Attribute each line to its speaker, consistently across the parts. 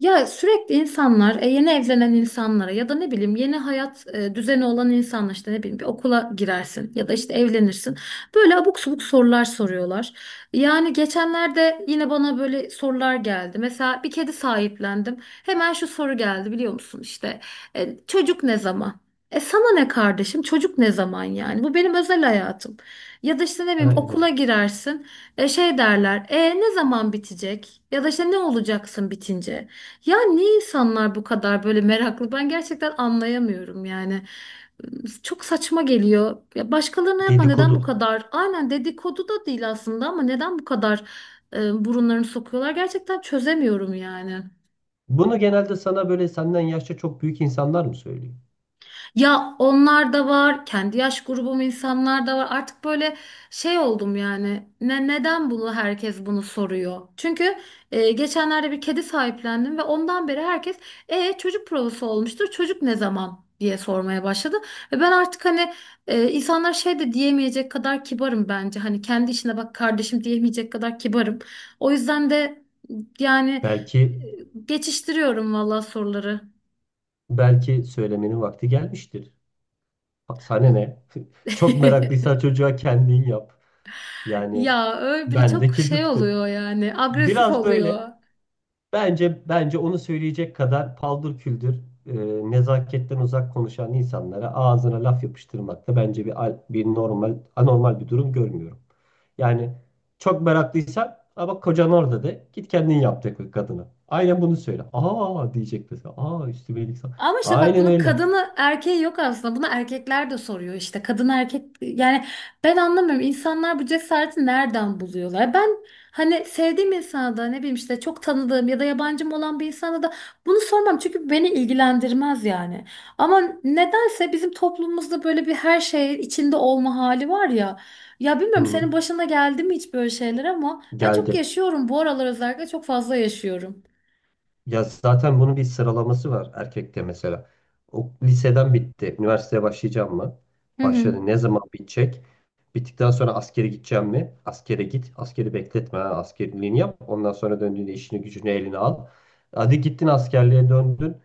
Speaker 1: Ya sürekli insanlar, yeni evlenen insanlara ya da ne bileyim yeni hayat düzeni olan insanlar işte ne bileyim bir okula girersin ya da işte evlenirsin. Böyle abuk subuk sorular soruyorlar. Yani geçenlerde yine bana böyle sorular geldi. Mesela bir kedi sahiplendim. Hemen şu soru geldi biliyor musun işte çocuk ne zaman? E sana ne kardeşim, çocuk ne zaman? Yani bu benim özel hayatım. Ya da işte ne bileyim
Speaker 2: Aynen öyle.
Speaker 1: okula girersin, şey derler, ne zaman bitecek ya da işte ne olacaksın bitince. Ya niye insanlar bu kadar böyle meraklı? Ben gerçekten anlayamıyorum yani. Çok saçma geliyor. Ya başkalarına yapma, neden bu
Speaker 2: Dedikodu.
Speaker 1: kadar? Aynen, dedikodu da değil aslında ama neden bu kadar burunlarını sokuyorlar? Gerçekten çözemiyorum yani.
Speaker 2: Bunu genelde sana böyle senden yaşça çok büyük insanlar mı söylüyor?
Speaker 1: Ya onlar da var, kendi yaş grubum insanlar da var. Artık böyle şey oldum yani. Neden bunu herkes bunu soruyor? Çünkü geçenlerde bir kedi sahiplendim ve ondan beri herkes çocuk provası olmuştur. Çocuk ne zaman diye sormaya başladı. Ve ben artık hani insanlar şey de diyemeyecek kadar kibarım bence. Hani kendi işine bak kardeşim diyemeyecek kadar kibarım. O yüzden de yani
Speaker 2: Belki
Speaker 1: e, geçiştiriyorum vallahi soruları.
Speaker 2: belki söylemenin vakti gelmiştir. Sana ne? Çok meraklıysan çocuğa kendin yap. Yani
Speaker 1: Ya öyle biri
Speaker 2: ben de
Speaker 1: çok
Speaker 2: kedi
Speaker 1: şey
Speaker 2: tuttum.
Speaker 1: oluyor yani, agresif
Speaker 2: Biraz böyle.
Speaker 1: oluyor.
Speaker 2: Bence onu söyleyecek kadar paldır küldür e, nezaketten uzak konuşan insanlara ağzına laf yapıştırmakta bence bir normal anormal bir durum görmüyorum. Yani çok meraklıysan "Aa bak kocan orada de, git kendin yap de kadına. Aynen bunu söyle. Aa diyecek mesela. Aa üstüme iyilik sa-"
Speaker 1: Ama işte bak,
Speaker 2: Aynen
Speaker 1: bunun
Speaker 2: öyle.
Speaker 1: kadını erkeği yok aslında. Bunu erkekler de soruyor işte. Kadın erkek yani ben anlamıyorum. İnsanlar bu cesareti nereden buluyorlar? Ben hani sevdiğim insana da ne bileyim işte, çok tanıdığım ya da yabancım olan bir insana da bunu sormam. Çünkü beni ilgilendirmez yani. Ama nedense bizim toplumumuzda böyle bir her şey içinde olma hali var ya. Ya
Speaker 2: Hı
Speaker 1: bilmiyorum,
Speaker 2: hı.
Speaker 1: senin başına geldi mi hiç böyle şeyler, ama ben çok
Speaker 2: Geldi.
Speaker 1: yaşıyorum. Bu aralar özellikle çok fazla yaşıyorum.
Speaker 2: Ya zaten bunun bir sıralaması var erkekte mesela. O liseden bitti. Üniversiteye başlayacağım mı?
Speaker 1: Hı hı.
Speaker 2: Başladı. Ne zaman bitecek? Bittikten sonra askere gideceğim mi? Askere git. Askeri bekletme. Ha. Askerliğini yap. Ondan sonra döndüğünde işini gücünü eline al. Hadi gittin askerliğe döndün.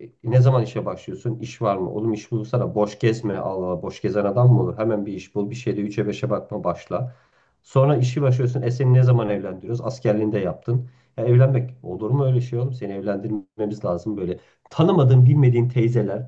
Speaker 2: E, ne zaman işe başlıyorsun? İş var mı? Oğlum iş bulsana. Boş gezme. Allah Allah. Boş gezen adam mı olur? Hemen bir iş bul. Bir şeyde üçe beşe bakma, başla. Sonra işi başlıyorsun. E seni ne zaman evlendiriyoruz? Askerliğini de yaptın. Ya evlenmek olur mu öyle şey oğlum? Seni evlendirmemiz lazım böyle. Tanımadığın, bilmediğin teyzeler,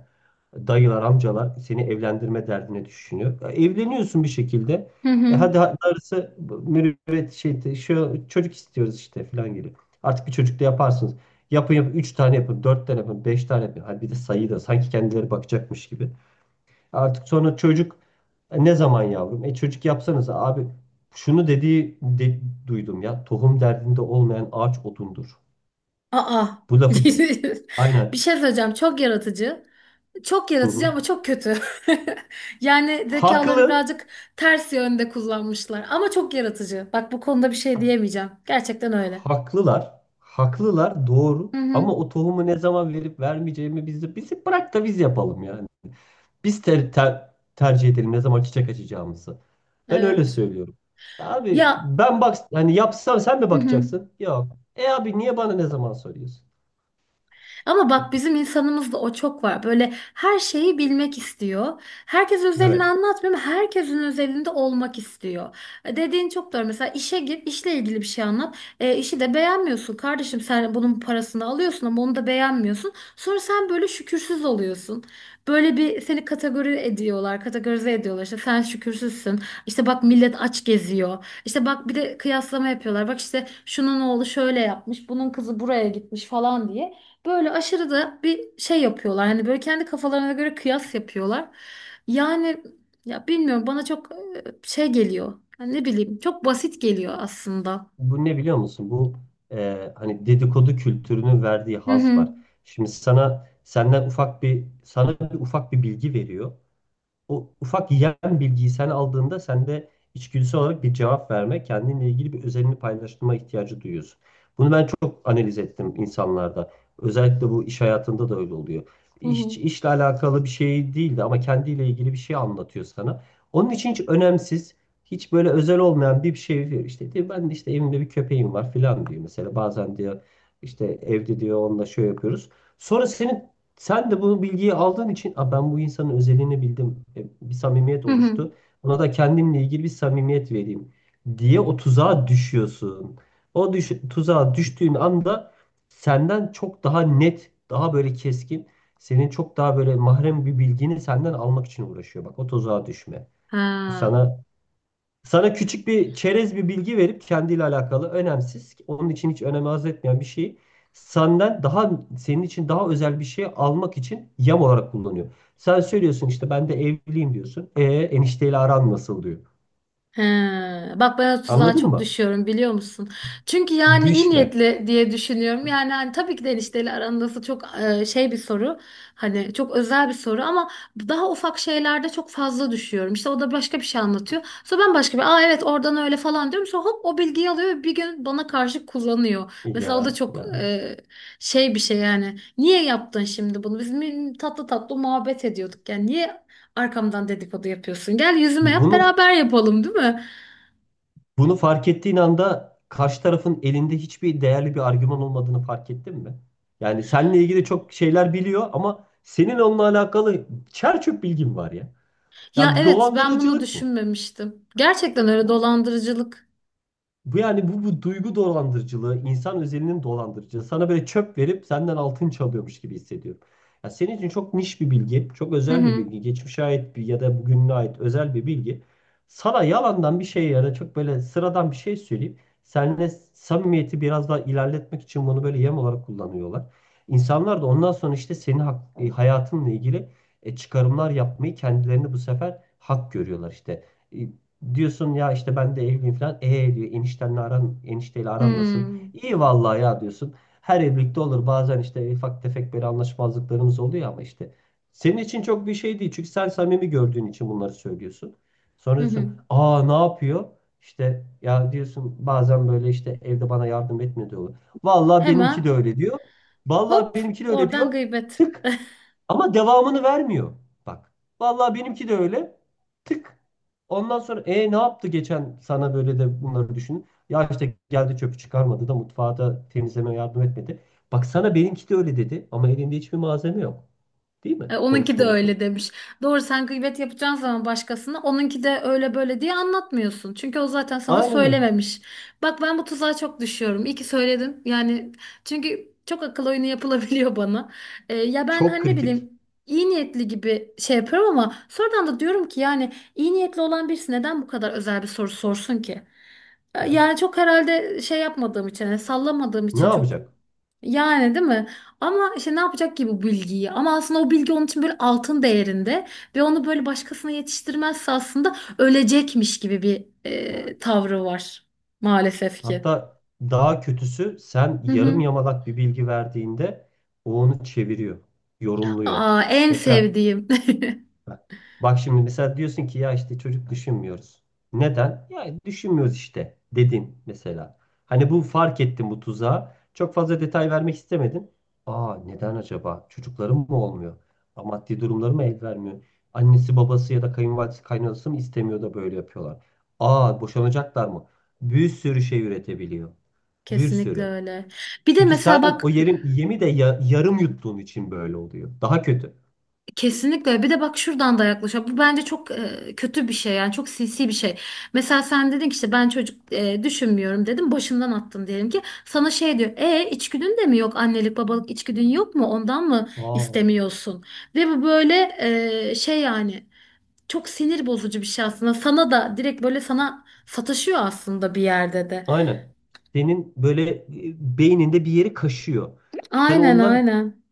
Speaker 2: dayılar, amcalar seni evlendirme derdine düşünüyor. E, evleniyorsun bir şekilde.
Speaker 1: Hı
Speaker 2: E
Speaker 1: hı.
Speaker 2: hadi darısı mürüvvet şey, şu çocuk istiyoruz işte falan geliyor. Artık bir çocuk da yaparsınız. Yapın yapın, 3 tane yapın, 4 tane yapın, 5 tane yapın. Hadi bir de sayı da, sanki kendileri bakacakmış gibi. Artık sonra çocuk. "E, ne zaman yavrum? E çocuk yapsanız abi" şunu dediği de duydum ya. "Tohum derdinde olmayan ağaç odundur."
Speaker 1: Aa.
Speaker 2: Bu lafı duydum.
Speaker 1: Bir
Speaker 2: Aynen.
Speaker 1: şey söyleyeceğim. Çok yaratıcı. Çok
Speaker 2: Hı
Speaker 1: yaratıcı
Speaker 2: hı.
Speaker 1: ama çok kötü. Yani zekalarını
Speaker 2: Haklı.
Speaker 1: birazcık ters yönde kullanmışlar. Ama çok yaratıcı. Bak, bu konuda bir şey diyemeyeceğim. Gerçekten öyle.
Speaker 2: Haklılar. Haklılar, doğru.
Speaker 1: Hı hı.
Speaker 2: Ama o tohumu ne zaman verip vermeyeceğimi biz, de bizi bırak da biz yapalım yani. Biz tercih edelim ne zaman çiçek açacağımızı. Ben öyle
Speaker 1: Evet.
Speaker 2: söylüyorum. Abi
Speaker 1: Ya.
Speaker 2: ben bak, hani yapsam sen mi
Speaker 1: Hı hı.
Speaker 2: bakacaksın? Yok. E abi niye bana ne zaman soruyorsun?
Speaker 1: Ama bak, bizim insanımızda o çok var. Böyle her şeyi bilmek istiyor. Herkes özelini
Speaker 2: Evet.
Speaker 1: anlatmıyor ama herkesin özelinde olmak istiyor. E, dediğin çok doğru. Mesela işe gir, işle ilgili bir şey anlat. E, işi de beğenmiyorsun. Kardeşim sen bunun parasını alıyorsun ama onu da beğenmiyorsun. Sonra sen böyle şükürsüz oluyorsun. Böyle bir seni kategori ediyorlar, kategorize ediyorlar. İşte sen şükürsüzsün. İşte bak, millet aç geziyor. İşte bak, bir de kıyaslama yapıyorlar. Bak işte, şunun oğlu şöyle yapmış, bunun kızı buraya gitmiş falan diye. Böyle aşırı da bir şey yapıyorlar. Hani böyle kendi kafalarına göre kıyas yapıyorlar. Yani ya bilmiyorum, bana çok şey geliyor. Yani ne bileyim, çok basit geliyor aslında.
Speaker 2: Bu ne biliyor musun? Bu hani dedikodu kültürünün verdiği
Speaker 1: Hı
Speaker 2: haz
Speaker 1: hı.
Speaker 2: var. Şimdi sana senden ufak bir, bir ufak bir bilgi veriyor. O ufak yem bilgiyi sen aldığında sende içgüdüsel olarak bir cevap verme, kendinle ilgili bir özelini paylaştırma ihtiyacı duyuyorsun. Bunu ben çok analiz ettim insanlarda. Özellikle bu iş hayatında da öyle oluyor.
Speaker 1: Hı hı.
Speaker 2: İş, işle alakalı bir şey değildi ama kendiyle ilgili bir şey anlatıyor sana. Onun için hiç önemsiz, hiç böyle özel olmayan bir şey diyor. İşte diyor, ben de işte evimde bir köpeğim var filan diyor. Mesela bazen diyor işte evde diyor onunla şöyle yapıyoruz. Sonra senin, sen de bu bilgiyi aldığın için "Aa, ben bu insanın özelliğini bildim. E, bir samimiyet
Speaker 1: Hı hı.
Speaker 2: oluştu. Ona da kendimle ilgili bir samimiyet vereyim" diye o tuzağa düşüyorsun. O tuzağa düştüğün anda senden çok daha net, daha böyle keskin, senin çok daha böyle mahrem bir bilgini senden almak için uğraşıyor. Bak, o tuzağa düşme. Bu
Speaker 1: Ha.
Speaker 2: sana küçük bir çerez bir bilgi verip kendiyle alakalı önemsiz, onun için hiç önem arz etmeyen bir şeyi, senden daha, senin için daha özel bir şey almak için yem olarak kullanıyor. Sen söylüyorsun işte, ben de evliyim diyorsun. E enişteyle aran nasıl diyor.
Speaker 1: He, bak ben o tuzağa
Speaker 2: Anladın
Speaker 1: çok
Speaker 2: mı?
Speaker 1: düşüyorum biliyor musun? Çünkü yani iyi
Speaker 2: Düşme.
Speaker 1: niyetli diye düşünüyorum. Yani hani tabii ki de enişteyle arandası çok şey bir soru. Hani çok özel bir soru ama daha ufak şeylerde çok fazla düşüyorum. İşte o da başka bir şey anlatıyor. Sonra ben başka bir, aa evet oradan öyle falan diyorum. Sonra hop, o bilgiyi alıyor ve bir gün bana karşı kullanıyor. Mesela o da
Speaker 2: Ya
Speaker 1: çok
Speaker 2: ya.
Speaker 1: şey bir şey yani. Niye yaptın şimdi bunu? Tatlı tatlı muhabbet ediyorduk. Yani niye arkamdan dedikodu yapıyorsun? Gel yüzüme yap,
Speaker 2: Bunu
Speaker 1: beraber yapalım, değil mi?
Speaker 2: bunu fark ettiğin anda karşı tarafın elinde hiçbir değerli bir argüman olmadığını fark ettin mi? Yani seninle ilgili çok şeyler biliyor ama senin onunla alakalı çer çöp bilgin var ya.
Speaker 1: Ya
Speaker 2: Yani bir
Speaker 1: evet, ben bunu
Speaker 2: dolandırıcılık bu.
Speaker 1: düşünmemiştim. Gerçekten öyle,
Speaker 2: Bu,
Speaker 1: dolandırıcılık.
Speaker 2: bu duygu dolandırıcılığı, insan özelinin dolandırıcılığı. Sana böyle çöp verip senden altın çalıyormuş gibi hissediyorum. Ya senin için çok niş bir bilgi, çok
Speaker 1: Hı
Speaker 2: özel bir
Speaker 1: hı.
Speaker 2: bilgi, geçmişe ait bir ya da bugüne ait özel bir bilgi. Sana yalandan bir şey ya da çok böyle sıradan bir şey söyleyip seninle samimiyeti biraz daha ilerletmek için bunu böyle yem olarak kullanıyorlar. İnsanlar da ondan sonra işte senin hayatınla ilgili çıkarımlar yapmayı kendilerini bu sefer hak görüyorlar işte. E, diyorsun ya işte ben de evliyim falan. E diyor, eniştenle aran, enişteyle aran nasıl?
Speaker 1: Hı,
Speaker 2: İyi vallahi ya, diyorsun. Her evlilikte olur. Bazen işte ufak tefek böyle anlaşmazlıklarımız oluyor ama işte. Senin için çok bir şey değil. Çünkü sen samimi gördüğün için bunları söylüyorsun. Sonra
Speaker 1: hı
Speaker 2: diyorsun,
Speaker 1: hı.
Speaker 2: aa ne yapıyor? İşte ya diyorsun, bazen böyle işte evde bana yardım etmiyor diyorlar. Vallahi benimki
Speaker 1: Hemen
Speaker 2: de öyle diyor. Vallahi
Speaker 1: hop,
Speaker 2: benimki de öyle
Speaker 1: oradan
Speaker 2: diyor.
Speaker 1: gıybet.
Speaker 2: Tık, ama devamını vermiyor. Bak. Vallahi benimki de öyle. Tık. Ondan sonra, e ne yaptı geçen sana böyle, de bunları düşün. Ya işte geldi çöpü çıkarmadı da mutfağa da temizleme yardım etmedi. Bak, sana benimki de öyle dedi ama elinde hiçbir malzeme yok. Değil mi?
Speaker 1: E, onunki de
Speaker 2: Konuşmanın sonu.
Speaker 1: öyle demiş. Doğru, sen gıybet yapacağın zaman başkasına onunki de öyle böyle diye anlatmıyorsun. Çünkü o zaten sana
Speaker 2: Aynen öyle.
Speaker 1: söylememiş. Bak, ben bu tuzağa çok düşüyorum. İyi ki söyledim. Yani çünkü çok akıl oyunu yapılabiliyor bana. E, ya ben
Speaker 2: Çok
Speaker 1: hani ne
Speaker 2: kritik.
Speaker 1: bileyim iyi niyetli gibi şey yapıyorum, ama sonradan da diyorum ki yani iyi niyetli olan birisi neden bu kadar özel bir soru sorsun ki? E,
Speaker 2: Ya.
Speaker 1: yani çok herhalde şey yapmadığım için, yani sallamadığım
Speaker 2: Ne
Speaker 1: için çok,
Speaker 2: yapacak?
Speaker 1: yani değil mi? Ama işte ne yapacak ki bu bilgiyi? Ama aslında o bilgi onun için böyle altın değerinde ve onu böyle başkasına yetiştirmezse aslında ölecekmiş gibi bir
Speaker 2: Evet.
Speaker 1: tavrı var maalesef ki.
Speaker 2: Hatta daha kötüsü, sen
Speaker 1: Hı
Speaker 2: yarım
Speaker 1: hı.
Speaker 2: yamalak bir bilgi verdiğinde, o onu çeviriyor, yorumluyor.
Speaker 1: Aa, en
Speaker 2: Mesela.
Speaker 1: sevdiğim.
Speaker 2: Bak şimdi mesela diyorsun ki ya işte çocuk düşünmüyoruz. Neden? Ya düşünmüyoruz işte dedin mesela. Hani bu, fark ettim bu tuzağı. Çok fazla detay vermek istemedin. Aa neden acaba? Çocuklarım mı olmuyor? Aa, maddi durumları mı el vermiyor? Annesi babası ya da kayınvalidesi kaynanası mı istemiyor da böyle yapıyorlar? Aa boşanacaklar mı? Bir sürü şey üretebiliyor. Bir
Speaker 1: Kesinlikle
Speaker 2: sürü.
Speaker 1: öyle. Bir de
Speaker 2: Çünkü
Speaker 1: mesela
Speaker 2: sen o
Speaker 1: bak.
Speaker 2: yerin yemi de yarım yuttuğun için böyle oluyor. Daha kötü.
Speaker 1: Kesinlikle. Bir de bak, şuradan da yaklaşıyor. Bu bence çok kötü bir şey, yani çok sinsi bir şey. Mesela sen dedin ki işte ben çocuk düşünmüyorum dedim. Başından attın diyelim ki. Sana şey diyor. E, içgüdün de mi yok? Annelik babalık içgüdün yok mu? Ondan mı
Speaker 2: Aa.
Speaker 1: istemiyorsun? Ve bu böyle şey, yani çok sinir bozucu bir şey aslında. Sana da direkt böyle sana sataşıyor aslında bir yerde de.
Speaker 2: Aynen. Senin böyle beyninde bir yeri kaşıyor. Sen
Speaker 1: Aynen
Speaker 2: ondan
Speaker 1: aynen.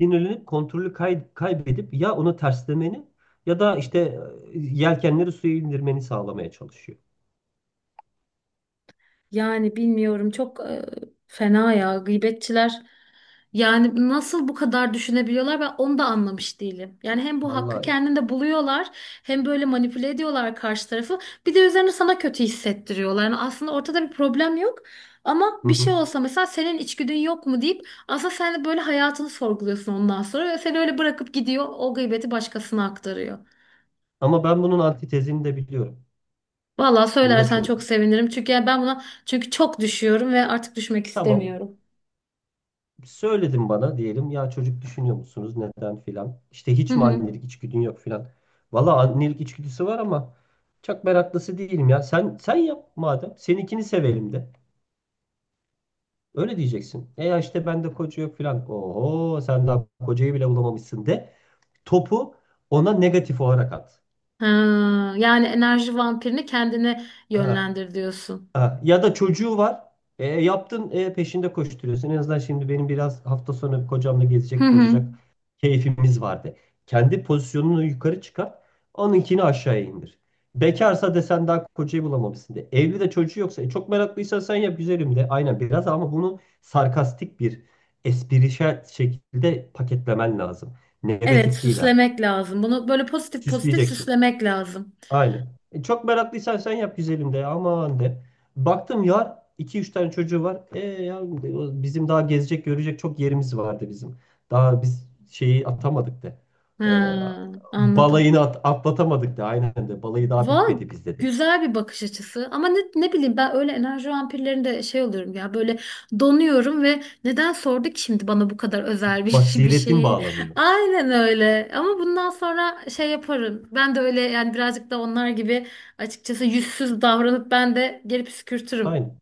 Speaker 2: sinirlenip kontrolü kaybedip ya onu terslemeni ya da işte yelkenleri suya indirmeni sağlamaya çalışıyor.
Speaker 1: Yani bilmiyorum çok, fena ya gıybetçiler. Yani nasıl bu kadar düşünebiliyorlar ben onu da anlamış değilim. Yani hem bu hakkı
Speaker 2: Vallahi.
Speaker 1: kendinde buluyorlar, hem böyle manipüle ediyorlar karşı tarafı, bir de üzerine sana kötü hissettiriyorlar. Yani aslında ortada bir problem yok, ama
Speaker 2: Hı
Speaker 1: bir şey
Speaker 2: hı.
Speaker 1: olsa mesela senin içgüdün yok mu deyip, aslında sen de böyle hayatını sorguluyorsun ondan sonra ve seni öyle bırakıp gidiyor, o gıybeti başkasına aktarıyor.
Speaker 2: Ama ben bunun antitezini de biliyorum.
Speaker 1: Vallahi
Speaker 2: Bunu da
Speaker 1: söylersen çok
Speaker 2: çözdüm.
Speaker 1: sevinirim, çünkü yani ben buna çünkü çok düşüyorum ve artık düşmek
Speaker 2: Tamam.
Speaker 1: istemiyorum.
Speaker 2: Söyledim, bana diyelim ya, çocuk düşünüyor musunuz neden filan. İşte
Speaker 1: Hı
Speaker 2: hiç mi
Speaker 1: hı.
Speaker 2: annelik içgüdün yok filan. Valla annelik içgüdüsü var ama çok meraklısı değilim ya. Sen sen yap madem. Seninkini sevelim de. Öyle diyeceksin. E ya işte bende koca yok filan. Oho sen daha kocayı bile bulamamışsın de. Topu ona negatif olarak at.
Speaker 1: Ha, yani enerji vampirini kendine
Speaker 2: Ha.
Speaker 1: yönlendir diyorsun.
Speaker 2: Ha. Ya da çocuğu var. E, yaptın, peşinde koşturuyorsun. En azından şimdi benim biraz hafta sonu kocamla
Speaker 1: Hı
Speaker 2: gezecek
Speaker 1: hı.
Speaker 2: tozacak keyfimiz vardı. Kendi pozisyonunu yukarı çıkar. Onunkini aşağıya indir. Bekarsa desen daha kocayı bulamamışsın de. Evli de çocuğu yoksa, e, çok meraklıysan sen yap güzelim de. Aynen biraz, ama bunu sarkastik bir esprişel şekilde paketlemen lazım.
Speaker 1: Evet,
Speaker 2: Negatif değil, ha.
Speaker 1: süslemek lazım. Bunu böyle pozitif pozitif
Speaker 2: Süsleyeceksin.
Speaker 1: süslemek lazım.
Speaker 2: Aynen. E, çok meraklıysan sen yap güzelim de, aman de. Baktım yar 2 3 tane çocuğu var. E yavrum de, o- bizim daha gezecek görecek çok yerimiz vardı bizim. Daha biz şeyi atamadık de. E,
Speaker 1: Ha, anladım.
Speaker 2: balayını atlatamadık de. Aynen de. Balayı daha
Speaker 1: Va
Speaker 2: bitmedi bizde de.
Speaker 1: Güzel bir bakış açısı. Ama ne, ne bileyim ben öyle enerji vampirlerinde şey oluyorum ya, böyle donuyorum ve neden sordu ki şimdi bana bu kadar özel bir, bir
Speaker 2: Basiretin
Speaker 1: şeyi?
Speaker 2: bağlanıyor.
Speaker 1: Aynen öyle. Ama bundan sonra şey yaparım. Ben de öyle yani, birazcık da onlar gibi açıkçası yüzsüz davranıp ben de geri püskürtürüm.
Speaker 2: Aynen.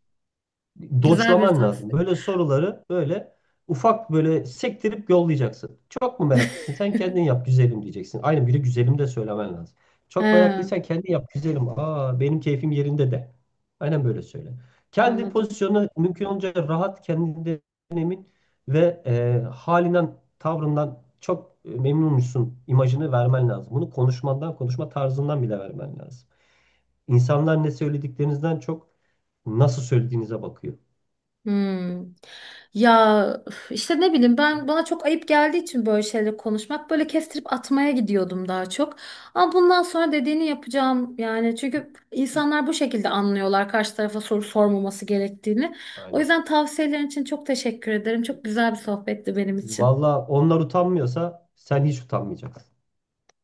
Speaker 1: Güzel bir
Speaker 2: Doçlaman lazım.
Speaker 1: tavsiye.
Speaker 2: Böyle soruları böyle ufak böyle sektirip yollayacaksın. Çok mu meraklısın? Sen kendin yap güzelim diyeceksin. Aynı biri güzelim de söylemen lazım. Çok
Speaker 1: He,
Speaker 2: meraklıysan kendin yap güzelim. Aa benim keyfim yerinde de. Aynen böyle söyle. Kendi
Speaker 1: anladım.
Speaker 2: pozisyonuna mümkün olunca rahat, kendinden emin ve halinden, tavrından çok memnunmuşsun imajını vermen lazım. Bunu konuşmandan, konuşma tarzından bile vermen lazım. İnsanlar ne söylediklerinizden çok nasıl söylediğinize bakıyor.
Speaker 1: Hmm. Ya üf, işte ne bileyim, ben bana çok ayıp geldiği için böyle şeyleri konuşmak böyle kestirip atmaya gidiyordum daha çok. Ama bundan sonra dediğini yapacağım yani, çünkü insanlar bu şekilde anlıyorlar karşı tarafa soru sormaması gerektiğini. O
Speaker 2: Aynen.
Speaker 1: yüzden tavsiyelerin için çok teşekkür ederim. Çok güzel bir sohbetti benim için.
Speaker 2: Valla onlar utanmıyorsa sen hiç utanmayacaksın.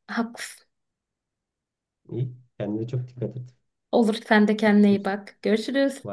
Speaker 1: Haklısın.
Speaker 2: İyi. Kendine çok dikkat et.
Speaker 1: Olur, sen de kendine iyi bak. Görüşürüz.